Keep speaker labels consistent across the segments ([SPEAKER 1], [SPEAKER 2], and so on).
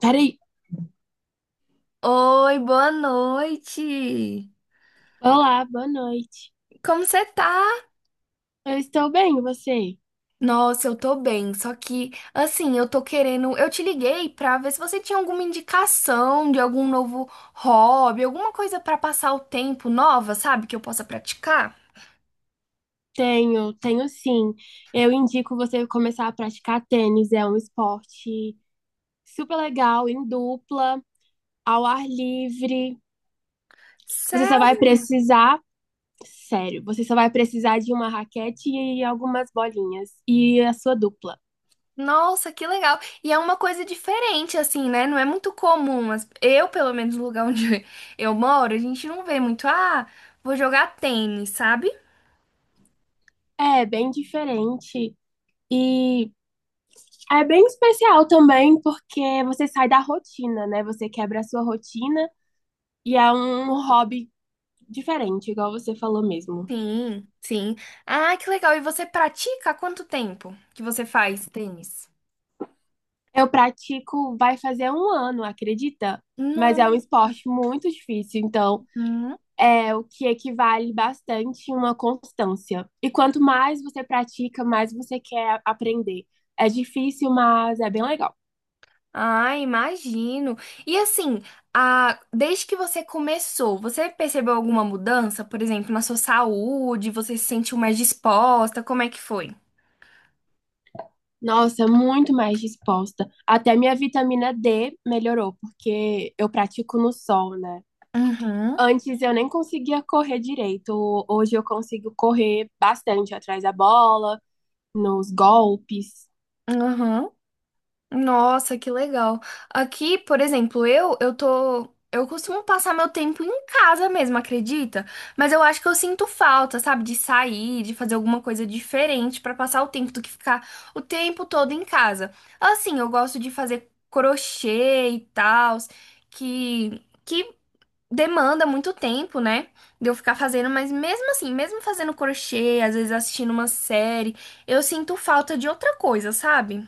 [SPEAKER 1] Peraí.
[SPEAKER 2] Oi, boa noite.
[SPEAKER 1] Olá, boa noite.
[SPEAKER 2] Como você tá?
[SPEAKER 1] Eu estou bem, e você?
[SPEAKER 2] Nossa, eu tô bem, só que assim, eu te liguei pra ver se você tinha alguma indicação de algum novo hobby, alguma coisa pra passar o tempo nova, sabe, que eu possa praticar.
[SPEAKER 1] Tenho, sim. Eu indico você começar a praticar tênis. É um esporte super legal, em dupla, ao ar livre. Você só vai
[SPEAKER 2] Sério?
[SPEAKER 1] precisar, sério, você só vai precisar de uma raquete e algumas bolinhas e a sua dupla.
[SPEAKER 2] Nossa, que legal. E é uma coisa diferente assim, né? Não é muito comum, mas eu, pelo menos no lugar onde eu moro, a gente não vê muito, ah, vou jogar tênis, sabe?
[SPEAKER 1] É bem diferente e é bem especial também porque você sai da rotina, né? Você quebra a sua rotina e é um hobby diferente, igual você falou mesmo.
[SPEAKER 2] Sim, sim. Ah, que legal. E você pratica há quanto tempo que você faz tênis?
[SPEAKER 1] Eu pratico, vai fazer um ano, acredita? Mas é um
[SPEAKER 2] Não.
[SPEAKER 1] esporte muito difícil, então
[SPEAKER 2] Hum.
[SPEAKER 1] é o que equivale bastante a uma constância. E quanto mais você pratica, mais você quer aprender. É difícil, mas é bem legal.
[SPEAKER 2] Ah, imagino. E assim, desde que você começou, você percebeu alguma mudança, por exemplo, na sua saúde? Você se sentiu mais disposta? Como é que foi?
[SPEAKER 1] Nossa, muito mais disposta. Até minha vitamina D melhorou, porque eu pratico no sol, né?
[SPEAKER 2] Uhum,
[SPEAKER 1] Antes eu nem conseguia correr direito. Hoje eu consigo correr bastante atrás da bola, nos golpes.
[SPEAKER 2] uhum. Nossa, que legal. Aqui, por exemplo, eu costumo passar meu tempo em casa mesmo, acredita? Mas eu acho que eu sinto falta, sabe, de sair, de fazer alguma coisa diferente pra passar o tempo do que ficar o tempo todo em casa. Assim, eu gosto de fazer crochê e tal, que demanda muito tempo, né? De eu ficar fazendo, mas mesmo assim, mesmo fazendo crochê, às vezes assistindo uma série, eu sinto falta de outra coisa, sabe?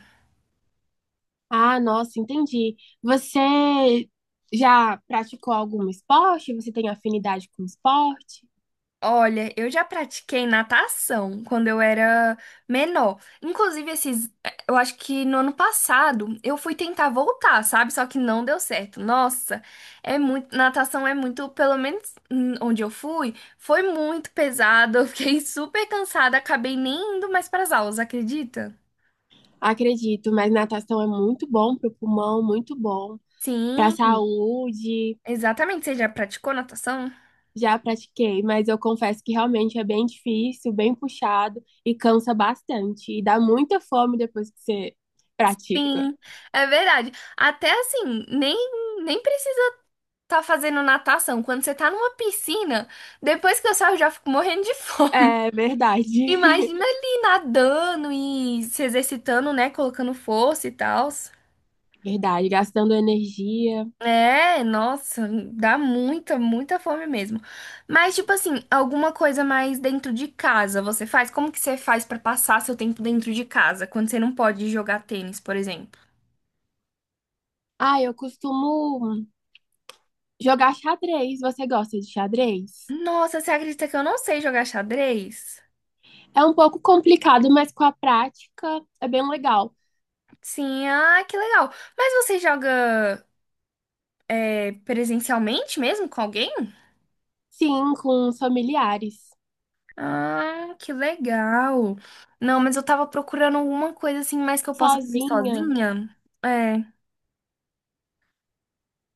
[SPEAKER 1] Ah, nossa, entendi. Você já praticou algum esporte? Você tem afinidade com esporte?
[SPEAKER 2] Olha, eu já pratiquei natação quando eu era menor. Inclusive, eu acho que no ano passado eu fui tentar voltar, sabe? Só que não deu certo. Nossa, natação é muito, pelo menos onde eu fui, foi muito pesado. Eu fiquei super cansada, acabei nem indo mais para as aulas, acredita?
[SPEAKER 1] Acredito, mas natação é muito bom para o pulmão, muito bom para a
[SPEAKER 2] Sim,
[SPEAKER 1] saúde.
[SPEAKER 2] exatamente. Você já praticou natação?
[SPEAKER 1] Já pratiquei, mas eu confesso que realmente é bem difícil, bem puxado e cansa bastante. E dá muita fome depois que você pratica.
[SPEAKER 2] Sim, é verdade. Até assim, nem precisava. Tá fazendo natação, quando você tá numa piscina, depois que eu saio eu já fico morrendo de fome.
[SPEAKER 1] É verdade.
[SPEAKER 2] Imagina ali nadando e se exercitando, né? Colocando força e tal.
[SPEAKER 1] Verdade, gastando energia.
[SPEAKER 2] É, nossa, dá muita, muita fome mesmo. Mas, tipo assim, alguma coisa mais dentro de casa você faz? Como que você faz pra passar seu tempo dentro de casa, quando você não pode jogar tênis, por exemplo?
[SPEAKER 1] Ah, eu costumo jogar xadrez, você gosta de xadrez?
[SPEAKER 2] Nossa, você acredita que eu não sei jogar xadrez?
[SPEAKER 1] É um pouco complicado, mas com a prática é bem legal.
[SPEAKER 2] Sim, ah, que legal. Mas você joga é, presencialmente mesmo com alguém?
[SPEAKER 1] Sim, com os familiares.
[SPEAKER 2] Ah, que legal. Não, mas eu tava procurando alguma coisa assim mais que eu possa fazer
[SPEAKER 1] Sozinha.
[SPEAKER 2] sozinha. É.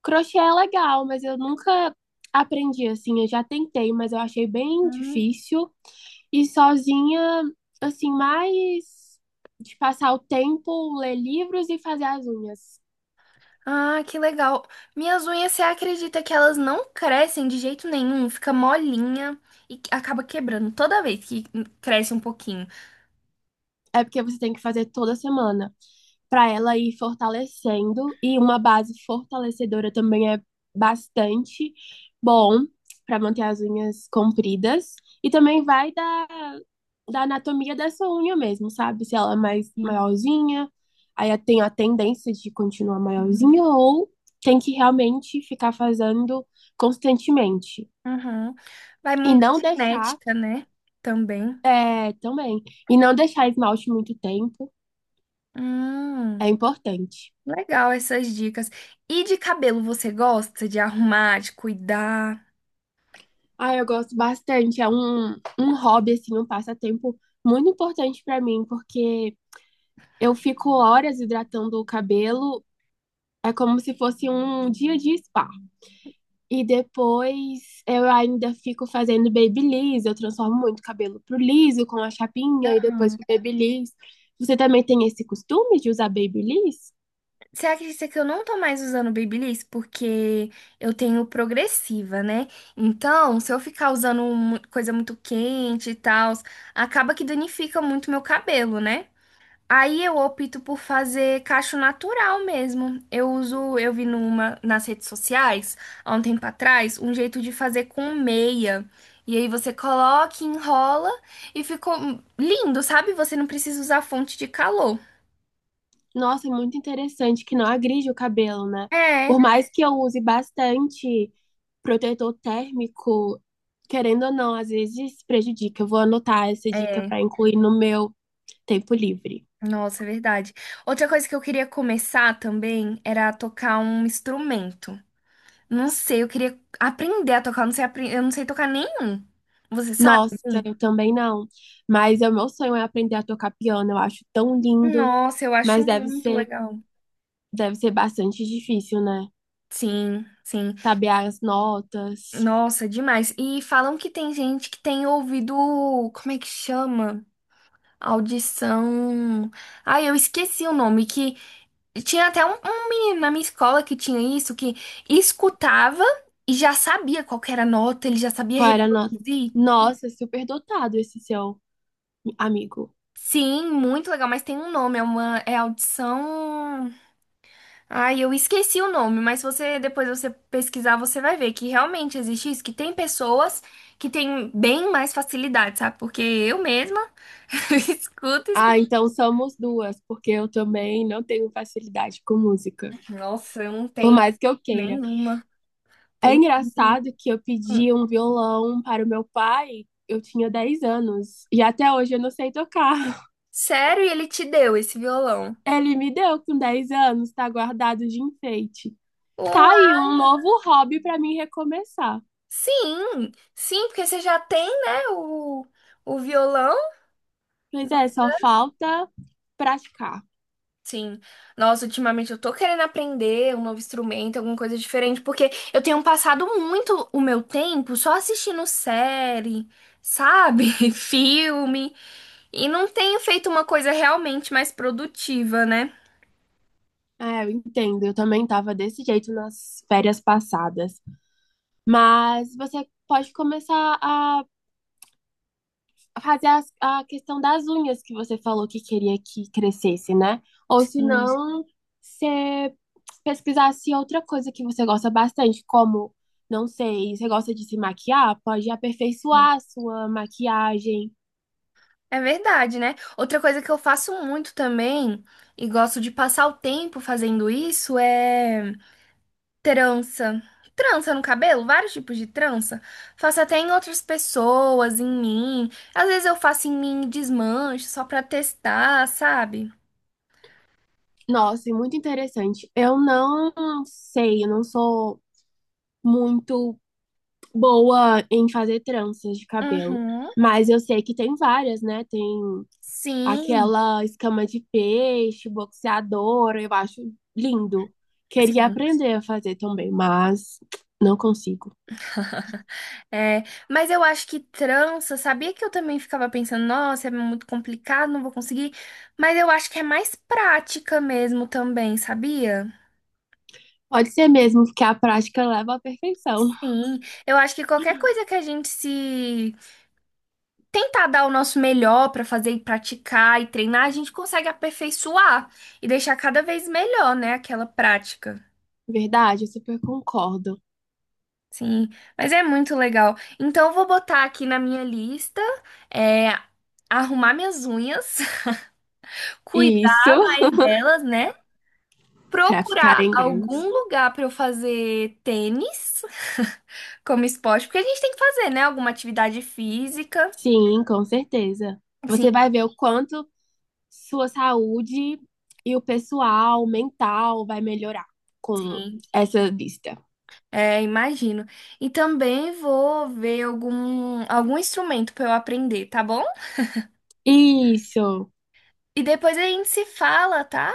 [SPEAKER 1] Crochê é legal, mas eu nunca aprendi assim. Eu já tentei, mas eu achei bem
[SPEAKER 2] Hum.
[SPEAKER 1] difícil. E sozinha, assim, mais de passar o tempo, ler livros e fazer as unhas.
[SPEAKER 2] Ah, que legal. Minhas unhas, você acredita que elas não crescem de jeito nenhum? Fica molinha e acaba quebrando toda vez que cresce um pouquinho.
[SPEAKER 1] É porque você tem que fazer toda semana para ela ir fortalecendo. E uma base fortalecedora também é bastante bom para manter as unhas compridas. E também vai da anatomia dessa unha mesmo, sabe? Se ela é mais
[SPEAKER 2] E-
[SPEAKER 1] maiorzinha, aí tem a tendência de continuar
[SPEAKER 2] Uhum.
[SPEAKER 1] maiorzinha ou tem que realmente ficar fazendo constantemente.
[SPEAKER 2] Uhum. Vai
[SPEAKER 1] E
[SPEAKER 2] muito da
[SPEAKER 1] não deixar,
[SPEAKER 2] genética, né? Também.
[SPEAKER 1] é, também, e não deixar esmalte muito tempo é
[SPEAKER 2] Hum.
[SPEAKER 1] importante.
[SPEAKER 2] Legal essas dicas. E de cabelo, você gosta de arrumar, de cuidar?
[SPEAKER 1] Ah, eu gosto bastante. É um hobby, assim, um passatempo muito importante pra mim, porque eu fico horas hidratando o cabelo. É como se fosse um dia de spa. E depois eu ainda fico fazendo babyliss. Eu transformo muito o cabelo pro liso, com a chapinha, e depois pro babyliss. Você também tem esse costume de usar babyliss?
[SPEAKER 2] Você acredita que eu não tô mais usando Babyliss porque eu tenho progressiva, né? Então, se eu ficar usando coisa muito quente e tal, acaba que danifica muito meu cabelo, né? Aí eu opto por fazer cacho natural mesmo. Eu uso, eu vi numa nas redes sociais, há um tempo atrás, um jeito de fazer com meia. E aí você coloca, enrola e ficou lindo, sabe? Você não precisa usar fonte de calor.
[SPEAKER 1] Nossa, muito interessante que não agride o cabelo, né?
[SPEAKER 2] É,
[SPEAKER 1] Por mais que eu use bastante protetor térmico, querendo ou não, às vezes prejudica. Eu vou anotar essa dica
[SPEAKER 2] é.
[SPEAKER 1] para incluir no meu tempo livre.
[SPEAKER 2] Nossa, é verdade. Outra coisa que eu queria começar também era a tocar um instrumento. Não sei, eu queria aprender a tocar, eu não sei, eu não sei tocar nenhum. Você sabe?
[SPEAKER 1] Nossa,
[SPEAKER 2] Algum?
[SPEAKER 1] eu também não. Mas é o meu sonho é aprender a tocar piano. Eu acho tão lindo,
[SPEAKER 2] Nossa, eu acho
[SPEAKER 1] mas
[SPEAKER 2] muito legal.
[SPEAKER 1] deve ser bastante difícil, né?
[SPEAKER 2] Sim, sim.
[SPEAKER 1] Saber as notas.
[SPEAKER 2] Nossa, demais. E falam que tem gente que tem ouvido, como é que chama? Audição. Ai, eu esqueci o nome, que tinha até um menino na minha escola que tinha isso, que escutava e já sabia qual que era a nota, ele já sabia
[SPEAKER 1] Qual era a nota?
[SPEAKER 2] reproduzir.
[SPEAKER 1] Nossa, super dotado esse seu amigo.
[SPEAKER 2] Sim, muito legal, mas tem um nome, é uma é audição. Ai, eu esqueci o nome, mas você depois você pesquisar, você vai ver que realmente existe isso, que tem pessoas que têm bem mais facilidade, sabe? Porque eu mesma escuto,
[SPEAKER 1] Ah,
[SPEAKER 2] escuto.
[SPEAKER 1] então somos duas, porque eu também não tenho facilidade com música,
[SPEAKER 2] Nossa, eu não
[SPEAKER 1] por
[SPEAKER 2] tenho
[SPEAKER 1] mais que eu queira.
[SPEAKER 2] nenhuma.
[SPEAKER 1] É
[SPEAKER 2] Tem nenhuma.
[SPEAKER 1] engraçado que eu pedi um violão para o meu pai, eu tinha 10 anos, e até hoje eu não sei tocar.
[SPEAKER 2] Sério, e ele te deu esse violão?
[SPEAKER 1] Ele me deu com 10 anos, tá guardado de enfeite. Tá aí
[SPEAKER 2] Uau!
[SPEAKER 1] um novo hobby para mim recomeçar.
[SPEAKER 2] Sim, sim, porque você já tem, né, o violão.
[SPEAKER 1] Pois é, só falta praticar.
[SPEAKER 2] Sim. Nossa, ultimamente eu tô querendo aprender um novo instrumento, alguma coisa diferente, porque eu tenho passado muito o meu tempo só assistindo série, sabe? Filme, e não tenho feito uma coisa realmente mais produtiva, né?
[SPEAKER 1] É, eu entendo, eu também tava desse jeito nas férias passadas. Mas você pode começar a fazer a questão das unhas que você falou que queria que crescesse, né? Ou se
[SPEAKER 2] Sim.
[SPEAKER 1] não, você pesquisasse outra coisa que você gosta bastante, como, não sei, você gosta de se maquiar? Pode aperfeiçoar a sua maquiagem.
[SPEAKER 2] É verdade, né? Outra coisa que eu faço muito também, e gosto de passar o tempo fazendo isso, é. Trança. Trança no cabelo, vários tipos de trança. Faço até em outras pessoas, em mim. Às vezes eu faço em mim e desmancho só pra testar, sabe?
[SPEAKER 1] Nossa, é muito interessante. Eu não sei, eu não sou muito boa em fazer tranças de cabelo,
[SPEAKER 2] Uhum.
[SPEAKER 1] mas eu sei que tem várias, né? Tem
[SPEAKER 2] Sim,
[SPEAKER 1] aquela escama de peixe, boxeadora, eu acho lindo. Queria
[SPEAKER 2] sim.
[SPEAKER 1] aprender a fazer também, mas não consigo.
[SPEAKER 2] É, mas eu acho que trança, sabia que eu também ficava pensando, nossa, é muito complicado, não vou conseguir. Mas eu acho que é mais prática mesmo também, sabia?
[SPEAKER 1] Pode ser mesmo que a prática leva à perfeição.
[SPEAKER 2] Sim, eu acho que qualquer coisa que a gente se tentar dar o nosso melhor para fazer e praticar e treinar, a gente consegue aperfeiçoar e deixar cada vez melhor, né, aquela prática.
[SPEAKER 1] Verdade, eu super concordo.
[SPEAKER 2] Sim, mas é muito legal. Então, eu vou botar aqui na minha lista, é, arrumar minhas unhas,
[SPEAKER 1] Isso,
[SPEAKER 2] cuidar mais delas, né?
[SPEAKER 1] para
[SPEAKER 2] Procurar
[SPEAKER 1] ficarem grandes.
[SPEAKER 2] algum lugar para eu fazer tênis como esporte, porque a gente tem que fazer, né? Alguma atividade física.
[SPEAKER 1] Sim, com certeza.
[SPEAKER 2] Sim,
[SPEAKER 1] Você vai ver o quanto sua saúde e o pessoal mental vai melhorar com
[SPEAKER 2] sim.
[SPEAKER 1] essa lista.
[SPEAKER 2] É, imagino. E também vou ver algum instrumento para eu aprender, tá bom?
[SPEAKER 1] Isso.
[SPEAKER 2] E depois a gente se fala, tá?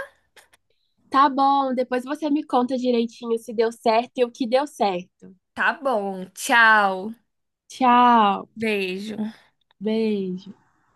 [SPEAKER 1] Tá bom, depois você me conta direitinho se deu certo e o que deu certo.
[SPEAKER 2] Tá bom. Tchau.
[SPEAKER 1] Tchau,
[SPEAKER 2] Beijo.
[SPEAKER 1] beijo.